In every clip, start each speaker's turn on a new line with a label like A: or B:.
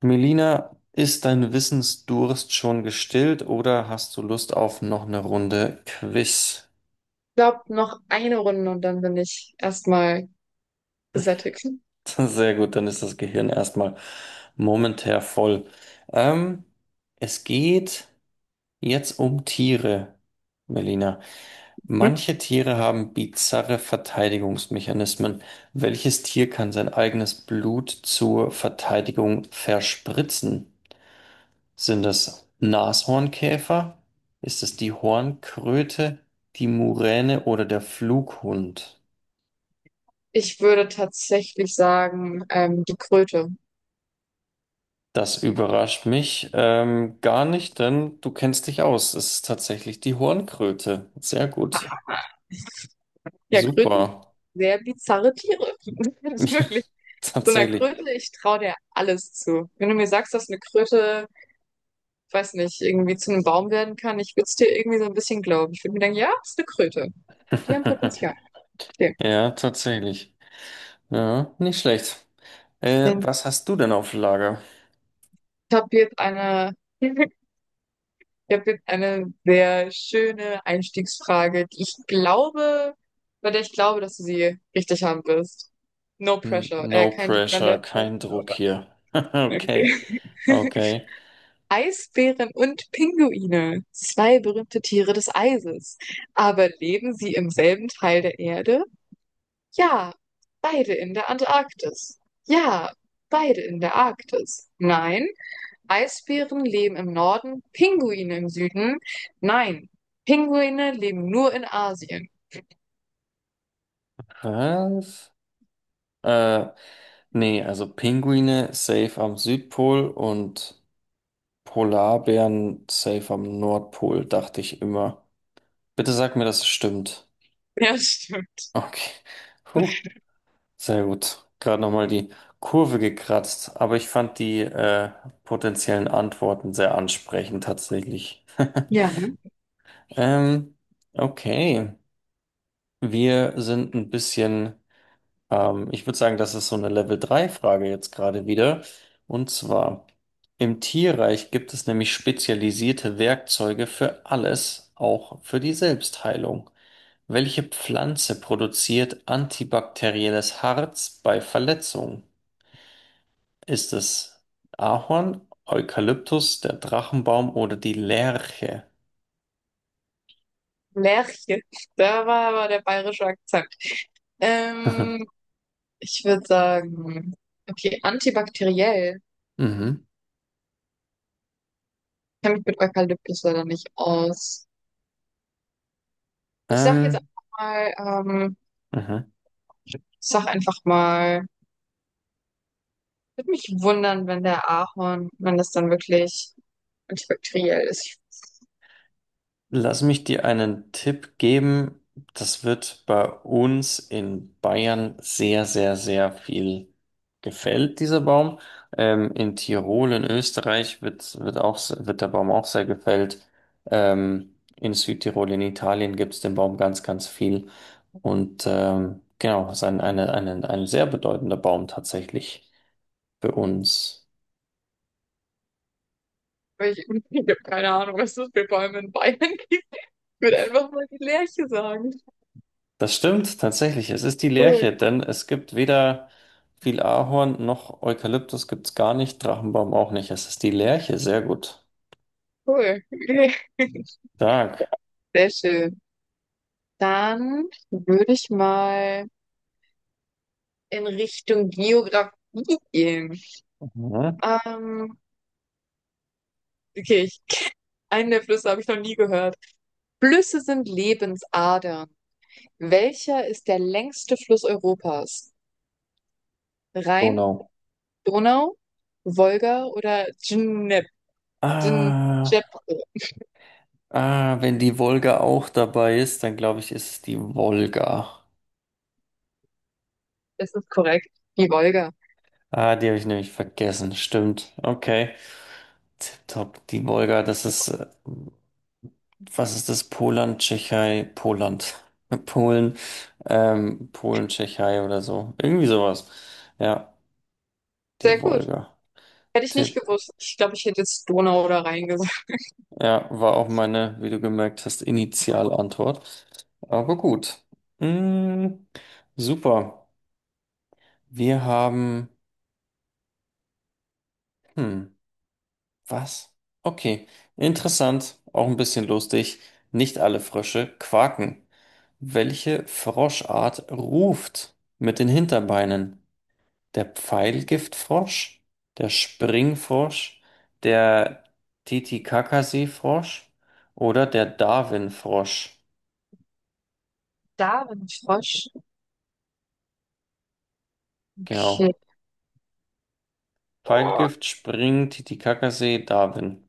A: Melina, ist dein Wissensdurst schon gestillt oder hast du Lust auf noch eine Runde Quiz?
B: Glaube, noch eine Runde und dann bin ich erstmal gesättigt.
A: Sehr gut, dann ist das Gehirn erstmal momentär voll. Ähm, Es geht jetzt um Tiere, Melina. Manche Tiere haben bizarre Verteidigungsmechanismen. Welches Tier kann sein eigenes Blut zur Verteidigung verspritzen? Sind das Nashornkäfer? Ist es die Hornkröte, die Muräne oder der Flughund?
B: Ich würde tatsächlich sagen, die Kröte.
A: Das überrascht mich gar nicht, denn du kennst dich aus. Es ist tatsächlich die Hornkröte. Sehr gut.
B: Ja, Kröten,
A: Super.
B: sehr bizarre Tiere. Wirklich. So einer
A: Tatsächlich.
B: Kröte, ich traue der alles zu. Wenn du mir sagst, dass eine Kröte, ich weiß nicht, irgendwie zu einem Baum werden kann, ich würde es dir irgendwie so ein bisschen glauben. Ich würde mir denken, ja, ist eine Kröte. Die haben Potenzial. Okay.
A: Ja, tatsächlich. Ja, nicht schlecht.
B: Dann,
A: Was hast du denn auf Lager?
B: ich habe jetzt eine ich habe jetzt eine sehr schöne Einstiegsfrage, bei der ich glaube, dass du sie richtig haben wirst. No
A: N-
B: pressure.
A: No
B: Kein Druck an
A: pressure,
B: der Stelle.
A: kein Druck hier.
B: Okay.
A: Okay, okay.
B: Eisbären und Pinguine, zwei berühmte Tiere des Eises. Aber leben sie im selben Teil der Erde? Ja, beide in der Antarktis. Ja, beide in der Arktis. Nein, Eisbären leben im Norden, Pinguine im Süden. Nein, Pinguine leben nur in Asien.
A: Was? Äh, Nee, also Pinguine safe am Südpol und Polarbären safe am Nordpol, dachte ich immer. Bitte sag mir, dass es stimmt.
B: Ja, stimmt.
A: Okay. Puh, sehr gut. Gerade nochmal die Kurve gekratzt, aber ich fand die potenziellen Antworten sehr ansprechend tatsächlich.
B: Ja, ne?
A: Ähm, okay. Wir sind ein bisschen. Ich würde sagen, das ist so eine Level 3 frage jetzt gerade wieder. Und zwar, im Tierreich gibt es nämlich spezialisierte Werkzeuge für alles, auch für die Selbstheilung. Welche Pflanze produziert antibakterielles Harz bei Verletzungen? Ist es Ahorn, Eukalyptus, der Drachenbaum oder die Lerche?
B: Lerche. Da war aber der bayerische Akzent. Ähm, Ich würde sagen, okay, antibakteriell. Ich
A: Mhm.
B: kenne mich mit Eukalyptus leider nicht aus. Ich sag jetzt
A: Ähm,
B: einfach mal, ähm,
A: mhm.
B: ich sag einfach mal, würde mich wundern, wenn der Ahorn, wenn das dann wirklich antibakteriell ist.
A: Lass mich dir einen Tipp geben. Das wird bei uns in Bayern sehr, sehr, sehr viel gefällt, dieser Baum. In Tirol, in Österreich wird der Baum auch sehr gefällt. In Südtirol, in Italien gibt es den Baum ganz, ganz viel. Und genau, es ist ein sehr bedeutender Baum tatsächlich für uns.
B: Weil ich, ich habe keine Ahnung, was das für Bäume in Bayern gibt. Ich würde einfach mal die Lerche sagen.
A: Das stimmt tatsächlich. Es ist die
B: Cool,
A: Lerche, denn es gibt weder viel Ahorn noch Eukalyptus gibt's gar nicht, Drachenbaum auch nicht. Es ist die Lerche, sehr gut.
B: cool. Okay.
A: Stark.
B: Sehr schön. Dann würde ich mal in Richtung Geografie gehen.
A: Mhm. Mhm.
B: Ähm, okay, ich, einen der Flüsse habe ich noch nie gehört. Flüsse sind Lebensadern. Welcher ist der längste Fluss Europas? Rhein,
A: Donau.
B: Donau, Wolga oder Dnep? Dnepr?
A: Ah, ah, wenn die Wolga auch dabei ist, dann glaube ich, ist es die Wolga.
B: Das ist korrekt. Die Wolga.
A: Ah, die habe ich nämlich vergessen. Stimmt. Okay. Tipptopp. Die Wolga, das ist, was ist das? Poland, Tschechei, Poland. Polen, Polen, Tschechei oder so. Irgendwie sowas. Ja. Die
B: Sehr gut.
A: Wolga.
B: Hätte ich nicht
A: Tipp.
B: gewusst. Ich glaube, ich hätte jetzt Donau oder Rhein gesagt.
A: Ja, war auch meine, wie du gemerkt hast, Initialantwort. Aber gut. Mm, super. Wir haben. Hm, was? Okay. Interessant, auch ein bisschen lustig. Nicht alle Frösche quaken. Welche Froschart ruft mit den Hinterbeinen? Der Pfeilgiftfrosch, der Springfrosch, der Titicacasi-Frosch oder der Darwin-Frosch.
B: Davenport. Okay.
A: Genau.
B: Oh,
A: Pfeilgift, Spring, Titicacasee, Darwin.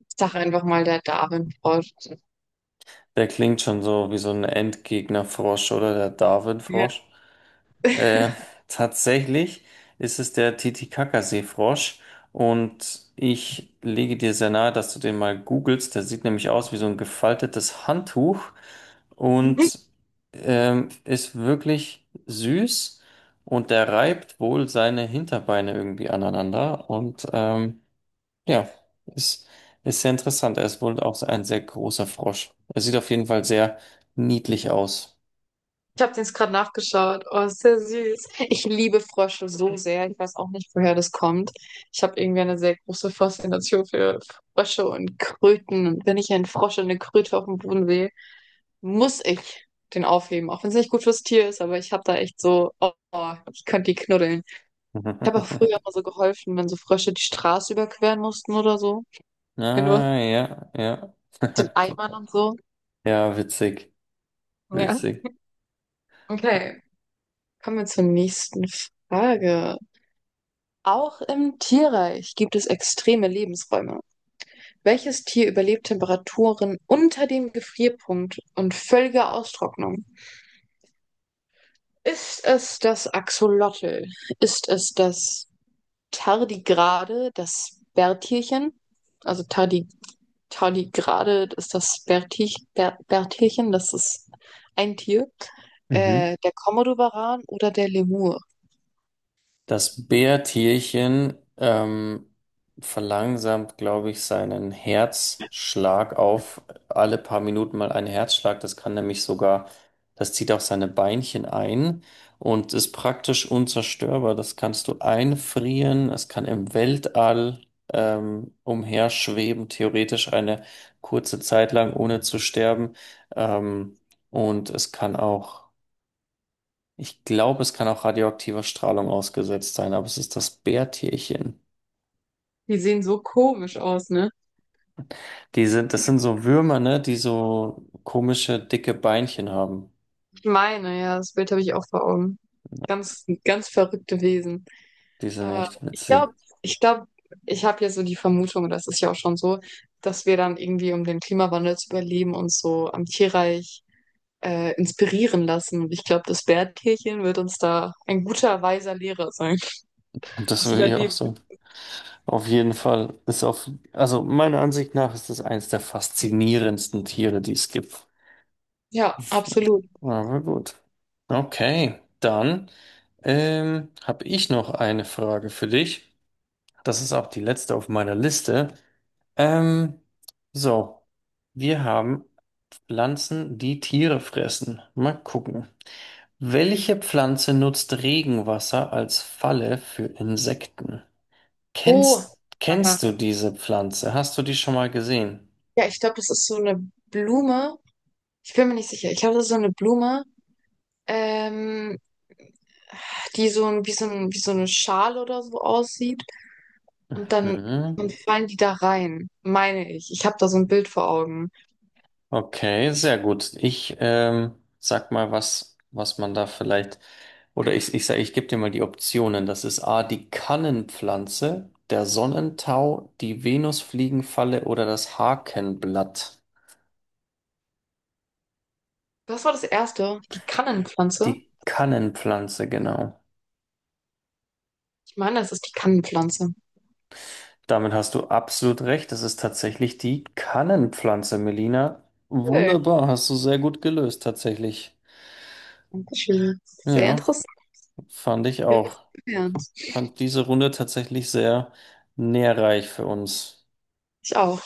B: ich sag einfach mal der Davenport.
A: Der klingt schon so wie so ein Endgegnerfrosch oder der
B: Ja.
A: Darwin-Frosch. Äh, Tatsächlich ist es der Titicaca-Seefrosch und ich lege dir sehr nahe, dass du den mal googelst. Der sieht nämlich aus wie so ein gefaltetes Handtuch und ist wirklich süß und der reibt wohl seine Hinterbeine irgendwie aneinander und ja, ist, ist sehr interessant. Er ist wohl auch ein sehr großer Frosch. Er sieht auf jeden Fall sehr niedlich aus.
B: Ich habe den jetzt gerade nachgeschaut. Oh, ist sehr süß. Ich liebe Frösche so sehr. Ich weiß auch nicht, woher das kommt. Ich habe irgendwie eine sehr große Faszination für Frösche und Kröten. Und wenn ich einen Frosch und eine Kröte auf dem Boden sehe, muss ich den aufheben. Auch wenn es nicht gut fürs Tier ist, aber ich habe da echt so, oh, ich könnte die knuddeln. Ich habe auch früher immer so geholfen, wenn so Frösche die Straße überqueren mussten oder so. Wenn du was mit
A: Ah, ja, ja.
B: den Eimern und so.
A: Ja, witzig,
B: Ja.
A: witzig.
B: Okay, kommen wir zur nächsten Frage. Auch im Tierreich gibt es extreme Lebensräume. Welches Tier überlebt Temperaturen unter dem Gefrierpunkt und völlige Austrocknung? Ist es das Axolotl? Ist es das Tardigrade, das Bärtierchen? Also Tardigrade ist das Bertelchen, das ist ein Tier.
A: Mhm.
B: Der Komodowaran oder der Lemur.
A: Das Bärtierchen verlangsamt, glaube ich, seinen Herzschlag auf alle paar Minuten mal einen Herzschlag. Das kann nämlich das zieht auch seine Beinchen ein und ist praktisch unzerstörbar. Das kannst du einfrieren. Es kann im Weltall umherschweben, theoretisch eine kurze Zeit lang, ohne zu sterben. Ähm, und es kann auch. Ich glaube, es kann auch radioaktiver Strahlung ausgesetzt sein, aber es ist das Bärtierchen.
B: Die sehen so komisch aus, ne?
A: Das sind so Würmer, ne, die so komische, dicke Beinchen haben.
B: Ich meine, ja, das Bild habe ich auch vor Augen. Ganz, ganz verrückte Wesen.
A: Die sind
B: Äh,
A: echt
B: ich
A: witzig.
B: glaube, ich glaube, ich habe ja so die Vermutung, das ist ja auch schon so, dass wir dann irgendwie, um den Klimawandel zu überleben, uns so am Tierreich inspirieren lassen. Und ich glaube, das Bärtierchen wird uns da ein guter, weiser Lehrer sein.
A: Und das
B: Das
A: will ich auch
B: Überleben.
A: so. Auf jeden Fall ist auf, also meiner Ansicht nach ist das eines der faszinierendsten Tiere, die es gibt.
B: Ja, absolut.
A: Aber gut. Okay, dann habe ich noch eine Frage für dich. Das ist auch die letzte auf meiner Liste. Ähm, so, wir haben Pflanzen, die Tiere fressen. Mal gucken. Welche Pflanze nutzt Regenwasser als Falle für Insekten?
B: Oh,
A: Kennst,
B: aha,
A: kennst du diese Pflanze? Hast du die schon mal gesehen?
B: ja, ich glaube, das ist so eine Blume. Ich bin mir nicht sicher. Ich glaube, das ist so eine Blume, ähm, die so ein, wie so ein, wie so eine Schale oder so aussieht. Und dann,
A: Hm.
B: dann fallen die da rein, meine ich. Ich habe da so ein Bild vor Augen.
A: Okay, sehr gut. Ich sag mal, was man da vielleicht, oder ich sage, ich gebe dir mal die Optionen. Das ist A, die Kannenpflanze, der Sonnentau, die Venusfliegenfalle oder das Hakenblatt.
B: Was war das erste? Die Kannenpflanze?
A: Die Kannenpflanze, genau.
B: Ich meine, das ist die Kannenpflanze.
A: Damit hast du absolut recht. Das ist tatsächlich die Kannenpflanze, Melina.
B: Cool.
A: Wunderbar, hast du sehr gut gelöst, tatsächlich.
B: Dankeschön. Sehr
A: Ja,
B: interessant.
A: fand ich
B: Ja, das
A: auch.
B: gelernt.
A: Fand diese Runde tatsächlich sehr nährreich für uns.
B: Ich auch.